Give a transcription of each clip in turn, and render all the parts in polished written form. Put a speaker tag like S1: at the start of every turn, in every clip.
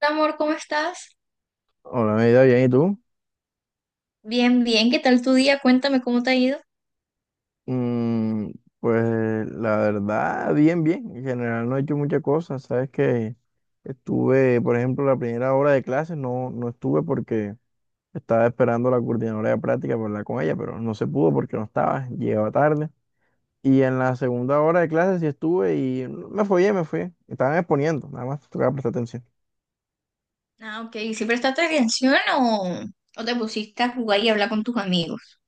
S1: Amor, ¿cómo estás?
S2: Hola, mi vida, bien, ¿y tú?
S1: Bien, bien, ¿qué tal tu día? Cuéntame cómo te ha ido.
S2: Mm, pues la verdad, bien, bien. En general no he hecho muchas cosas. Sabes que estuve, por ejemplo, la primera hora de clases no, no estuve porque estaba esperando a la coordinadora de práctica para hablar con ella, pero no se pudo porque no estaba, llegaba tarde. Y en la segunda hora de clases sí estuve y me fui. Estaban exponiendo, nada más tocaba prestar atención.
S1: Ah, ok, ¿sí prestaste atención o te pusiste a jugar y hablar con tus amigos?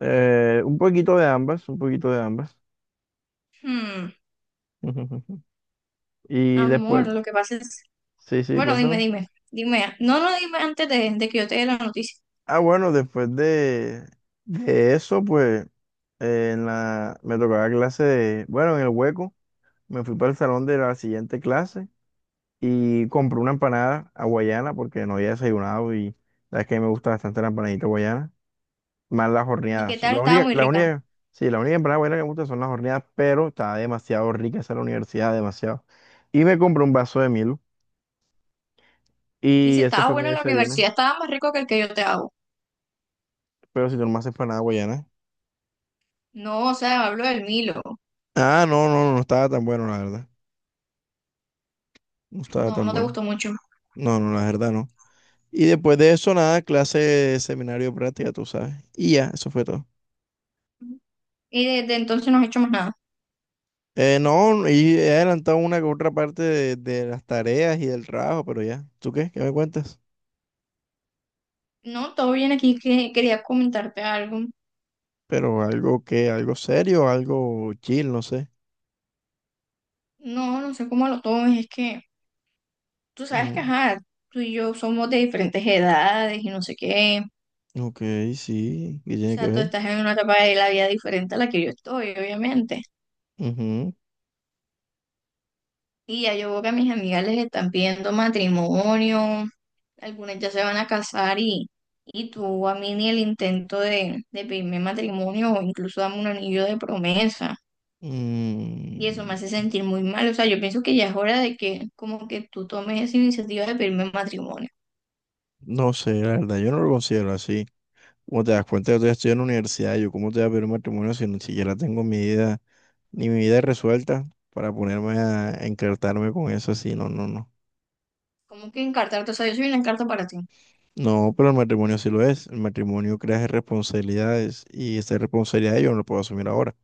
S2: Un poquito de ambas, un poquito de ambas.
S1: Hmm.
S2: Y después,
S1: Amor, lo que pasa es.
S2: sí, sí,
S1: Bueno, dime,
S2: cuéntame.
S1: dime, dime. No, no, dime antes de que yo te dé la noticia.
S2: Ah, bueno, después de eso, pues en la, me tocaba clase bueno, en el hueco, me fui para el salón de la siguiente clase y compré una empanada hawaiana porque no había desayunado y la verdad es que me gusta bastante la empanadita hawaiana, más las
S1: Ni qué
S2: horneadas.
S1: tal, estaba muy rica.
S2: Sí, la única empanada hawaiana que me gusta son las horneadas, pero estaba demasiado rica esa en la universidad, demasiado. Y me compré un vaso de Milo
S1: Y si
S2: y ese
S1: estaba
S2: fue mi
S1: bueno en la
S2: desayuno,
S1: universidad, estaba más rico que el que yo te hago.
S2: pero si tú no me haces empanada hawaiana.
S1: No, o sea, hablo del Milo.
S2: Ah, no, no, no no estaba tan bueno, la verdad. No estaba
S1: No,
S2: tan
S1: no te
S2: bueno.
S1: gustó mucho.
S2: No, no, la verdad no. Y después de eso, nada, clase, seminario, práctica, tú sabes. Y ya, eso fue todo.
S1: Y desde entonces no has hecho más nada.
S2: No, y he adelantado una que otra parte de las tareas y del trabajo, pero ya. ¿Tú qué? ¿Qué me cuentas?
S1: No, todo bien aquí, que quería comentarte algo.
S2: Pero algo serio, algo chill, no sé.
S1: No, no sé cómo lo tomes, es que. Tú sabes que,
S2: Mm,
S1: ajá, tú y yo somos de diferentes edades y no sé qué.
S2: ok, sí, ¿qué
S1: O
S2: tiene que
S1: sea, tú
S2: ver?
S1: estás en una etapa de la vida diferente a la que yo estoy, obviamente.
S2: Ujú.
S1: Y ya yo veo que a mis amigas les están pidiendo matrimonio, algunas ya se van a casar y tú a mí ni el intento de pedirme matrimonio o incluso dame un anillo de promesa. Y eso
S2: Mm,
S1: me hace sentir muy mal. O sea, yo pienso que ya es hora de que como que tú tomes esa iniciativa de pedirme matrimonio.
S2: no sé, la verdad, yo no lo considero así. Como te das cuenta, yo todavía estoy en la universidad, yo cómo te voy a pedir un matrimonio si ni siquiera tengo mi vida ni mi vida es resuelta para ponerme a encartarme con eso así, no, no, no.
S1: Como que encartarte, o sea, yo soy una encarta para ti.
S2: No, pero el matrimonio sí lo es. El matrimonio crea responsabilidades y esa responsabilidad yo no la puedo asumir ahora.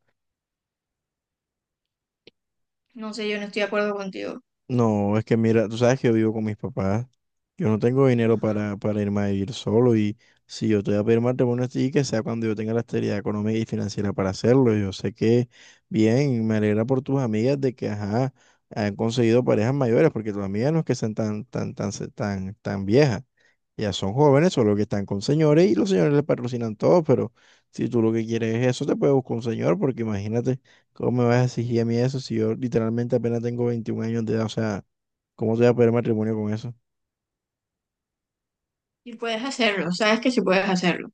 S1: No sé, yo no estoy de acuerdo contigo.
S2: No, es que mira, tú sabes que yo vivo con mis papás. Yo no tengo dinero
S1: Ajá.
S2: para irme a vivir solo y si yo te voy a pedir matrimonio a ti, que sea cuando yo tenga la estabilidad económica y financiera para hacerlo. Yo sé que bien, me alegra por tus amigas de que, ajá, han conseguido parejas mayores, porque tus amigas no es que sean tan viejas. Ya son jóvenes, solo que están con señores y los señores les patrocinan todo, pero si tú lo que quieres es eso, te puedes buscar un señor, porque imagínate, ¿cómo me vas a exigir a mí eso si yo literalmente apenas tengo 21 años de edad? O sea, ¿cómo te voy a pedir matrimonio con eso?
S1: Y puedes hacerlo, sabes que sí puedes hacerlo.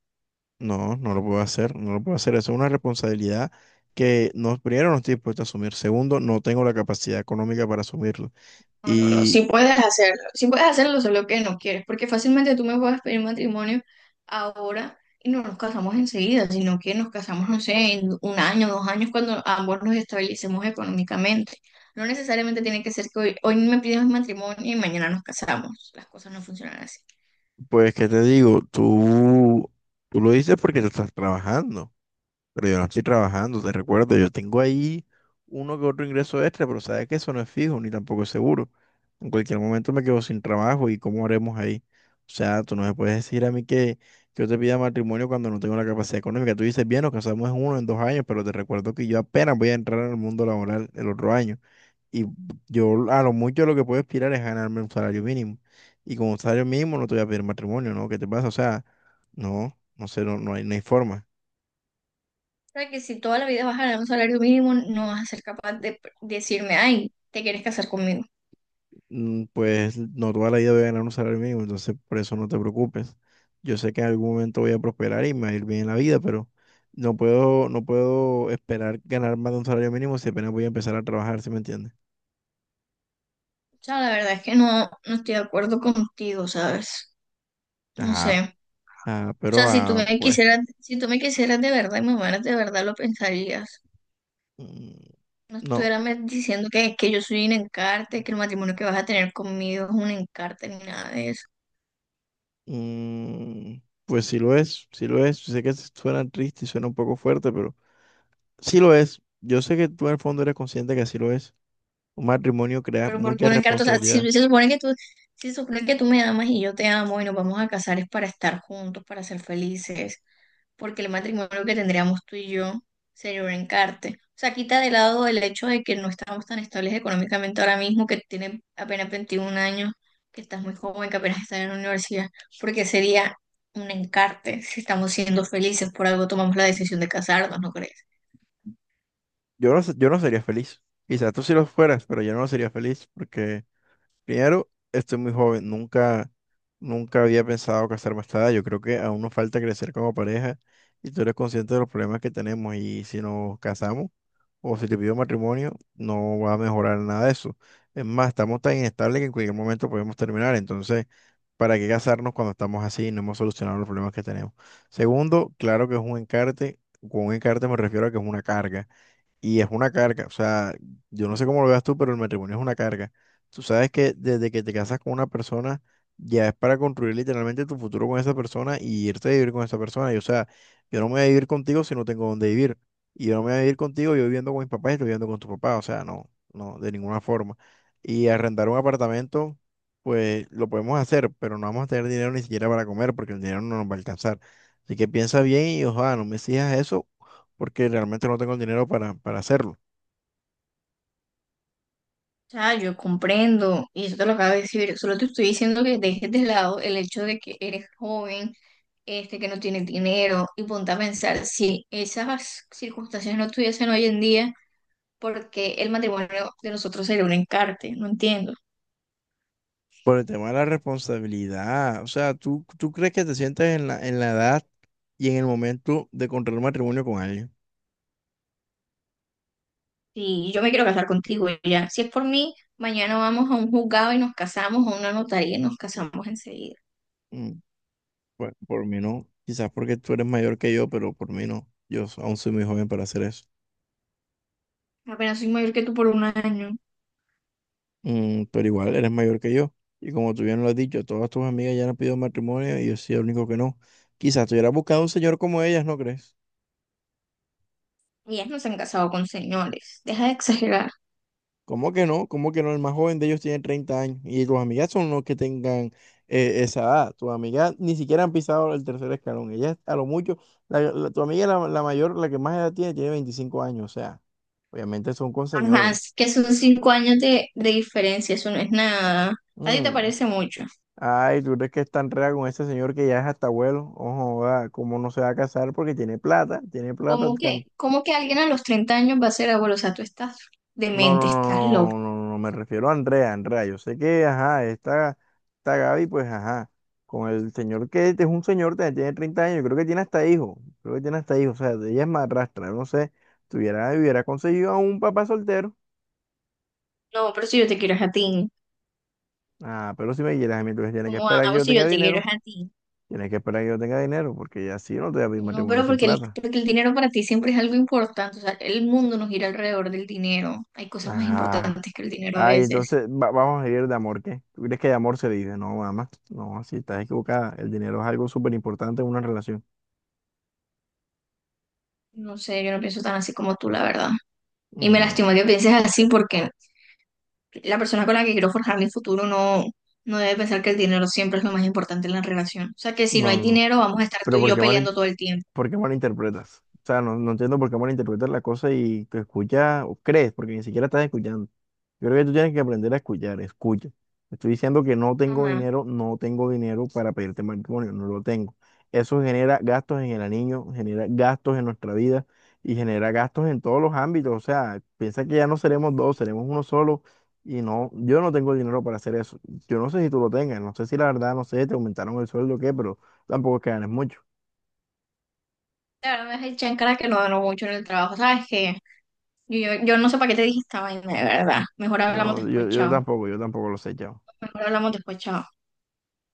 S2: No, no lo puedo hacer, no lo puedo hacer. Eso es una responsabilidad que no, primero no estoy dispuesto a asumir, segundo, no tengo la capacidad económica para asumirlo.
S1: No, no, no,
S2: Y
S1: sí puedes hacerlo. Sí puedes hacerlo, solo que no quieres, porque fácilmente tú me puedes pedir matrimonio ahora y no nos casamos enseguida, sino que nos casamos, no sé, en un año, dos años, cuando ambos nos estabilicemos económicamente. No necesariamente tiene que ser que hoy me pidas matrimonio y mañana nos casamos. Las cosas no funcionan así.
S2: pues, ¿qué te digo? Tú lo dices porque tú estás trabajando. Pero yo no estoy trabajando, te recuerdo, yo tengo ahí uno que otro ingreso extra, pero sabes que eso no es fijo ni tampoco es seguro. En cualquier momento me quedo sin trabajo y ¿cómo haremos ahí? O sea, tú no me puedes decir a mí que yo te pida matrimonio cuando no tengo la capacidad económica. Tú dices, bien, nos casamos en dos años, pero te recuerdo que yo apenas voy a entrar al mundo laboral el otro año. Y yo a lo mucho lo que puedo aspirar es ganarme un salario mínimo. Y con un salario mínimo no te voy a pedir matrimonio, ¿no? ¿Qué te pasa? O sea, no, no sé, no, no hay, no hay forma.
S1: O sea, que si toda la vida vas a ganar un salario mínimo, no vas a ser capaz de decirme, ay, ¿te quieres casar conmigo?
S2: Pues no toda la vida voy a ganar un salario mínimo, entonces por eso no te preocupes. Yo sé que en algún momento voy a prosperar y me va a ir bien en la vida, pero no puedo, no puedo esperar ganar más de un salario mínimo si apenas voy a empezar a trabajar, ¿sí me entiendes?
S1: Sea, la verdad es que no, no estoy de acuerdo contigo, ¿sabes? No
S2: Ajá,
S1: sé.
S2: ah,
S1: O sea,
S2: pero ah, pues
S1: si tú me quisieras de verdad y me amaras de verdad, lo pensarías.
S2: mm,
S1: No
S2: no,
S1: estuvieras diciendo que yo soy un encarte, que el matrimonio que vas a tener conmigo es un encarte ni nada de eso.
S2: mm, pues sí lo es, sí lo es. Sé que suena triste y suena un poco fuerte, pero sí lo es. Yo sé que tú en el fondo eres consciente que así lo es. Un matrimonio crea
S1: Pero porque
S2: muchas
S1: una carta, o sea, si
S2: responsabilidades.
S1: si se supone que tú, si se supone que tú me amas y yo te amo y nos vamos a casar es para estar juntos, para ser felices, porque el matrimonio que tendríamos tú y yo sería un encarte. O sea, quita de lado el hecho de que no estamos tan estables económicamente ahora mismo, que tienes apenas 21 años, que estás muy joven, que apenas estás en la universidad, porque sería un encarte si estamos siendo felices, por algo tomamos la decisión de casarnos, ¿no crees?
S2: Yo no, yo no sería feliz. Quizás tú sí lo fueras, pero yo no sería feliz porque, primero, estoy muy joven. Nunca, nunca había pensado casarme a esta edad. Yo creo que aún nos falta crecer como pareja y tú eres consciente de los problemas que tenemos. Y si nos casamos o si te pido matrimonio, no va a mejorar nada de eso. Es más, estamos tan inestables que en cualquier momento podemos terminar. Entonces, ¿para qué casarnos cuando estamos así y no hemos solucionado los problemas que tenemos? Segundo, claro que es un encarte. Con un encarte me refiero a que es una carga. Y es una carga, o sea, yo no sé cómo lo veas tú, pero el matrimonio es una carga. Tú sabes que desde que te casas con una persona, ya es para construir literalmente tu futuro con esa persona y irte a vivir con esa persona. Y o sea, yo no me voy a vivir contigo si no tengo dónde vivir. Y yo no me voy a vivir contigo, yo viviendo con mis papás y tú viviendo con tu papá. O sea, no, no, de ninguna forma. Y arrendar un apartamento, pues lo podemos hacer, pero no vamos a tener dinero ni siquiera para comer porque el dinero no nos va a alcanzar. Así que piensa bien y ojalá no me exijas eso porque realmente no tengo el dinero para hacerlo.
S1: Sea, yo comprendo, y eso te lo acabo de decir, solo te estoy diciendo que dejes de lado el hecho de que eres joven, este, que no tienes dinero, y ponte a pensar, si esas circunstancias no estuviesen hoy en día, ¿porque el matrimonio de nosotros sería un encarte? No entiendo.
S2: Por el tema de la responsabilidad, o sea, ¿tú crees que te sientes en la, edad y en el momento de contraer matrimonio con alguien?
S1: Si yo me quiero casar contigo y ya, si es por mí, mañana vamos a un juzgado y nos casamos, a una notaría y nos casamos enseguida.
S2: Mm, Pues por mí no, quizás porque tú eres mayor que yo, pero por mí no. Yo aún soy muy joven para hacer eso.
S1: Apenas soy mayor que tú por un año,
S2: Pero igual eres mayor que yo. Y como tú bien lo has dicho, todas tus amigas ya han pedido matrimonio y yo soy el único que no. Quizás tú hubieras buscado un señor como ellas, ¿no crees?
S1: y ellas no se han casado con señores, deja de exagerar.
S2: ¿Cómo que no? ¿Cómo que no? El más joven de ellos tiene 30 años y tus amigas son los que tengan esa edad. Tus amigas ni siquiera han pisado el tercer escalón. Ellas a lo mucho, tu amiga la mayor, la que más edad tiene, tiene 25 años. O sea, obviamente son con
S1: Ajá,
S2: señores.
S1: es que son 5 años de diferencia, eso no es nada. ¿A ti te
S2: Mm.
S1: parece mucho?
S2: Ay, ¿tú crees que es tan rea con ese señor que ya es hasta abuelo? Ojo, ah, ¿cómo no se va a casar? Porque tiene plata, tiene plata.
S1: ¿Cómo que alguien a los 30 años va a ser abuelo? O sea, tú estás
S2: No, no,
S1: demente, estás loco.
S2: no, no, no, no, me refiero a Andrea, Andrea, yo sé que, ajá, esta Gaby, pues, ajá, con el señor que es un señor, tiene 30 años, creo que tiene hasta hijo, creo que tiene hasta hijo, o sea, ella es madrastra, no sé, tuviera, hubiera conseguido a un papá soltero,
S1: No, pero si yo te quiero es a ti.
S2: ah, pero si me quieres a mí, entonces tienes que
S1: ¿Cómo
S2: esperar que
S1: hago
S2: yo
S1: si
S2: tenga
S1: yo te quiero es
S2: dinero,
S1: a ti?
S2: tienes que esperar que yo tenga dinero, porque ya sí, yo no te voy a pedir
S1: No,
S2: matrimonio
S1: pero
S2: sin
S1: porque el,
S2: plata,
S1: porque el dinero para ti siempre es algo importante. O sea, el mundo nos gira alrededor del dinero. Hay cosas más
S2: ah,
S1: importantes que el dinero a
S2: ay,
S1: veces.
S2: entonces, vamos a ir de amor, ¿qué? ¿Tú crees que de amor se vive? No, mamá, no, así estás equivocada, el dinero es algo súper importante en una relación.
S1: No sé, yo no pienso tan así como tú, la verdad. Y me
S2: Mm,
S1: lastima que pienses así porque la persona con la que quiero forjar mi futuro no, no debe pensar que el dinero siempre es lo más importante en la relación. O sea, que si no
S2: no,
S1: hay
S2: no.
S1: dinero, vamos a estar tú
S2: Pero
S1: y yo peleando todo el tiempo.
S2: por qué malinterpretas? O sea, no, no entiendo por qué malinterpretas la cosa y te escuchas o crees, porque ni siquiera estás escuchando. Yo creo que tú tienes que aprender a escuchar, escucha. Te estoy diciendo que no tengo
S1: Ajá.
S2: dinero, no tengo dinero para pedirte matrimonio, no lo tengo. Eso genera gastos en el anillo, genera gastos en nuestra vida y genera gastos en todos los ámbitos. O sea, piensa que ya no seremos dos, seremos uno solo y no, yo no tengo el dinero para hacer eso. Yo no sé si tú lo tengas, no sé si la verdad, no sé, te aumentaron el sueldo o qué, pero tampoco es que ganes mucho.
S1: Claro, me dejé echar en cara que no ganó mucho en el trabajo. ¿Sabes que? Yo no sé para qué te dije esta vaina, de verdad. Mejor hablamos
S2: No,
S1: después,
S2: yo
S1: chao.
S2: tampoco, yo tampoco lo sé, chao.
S1: Mejor hablamos después, chao.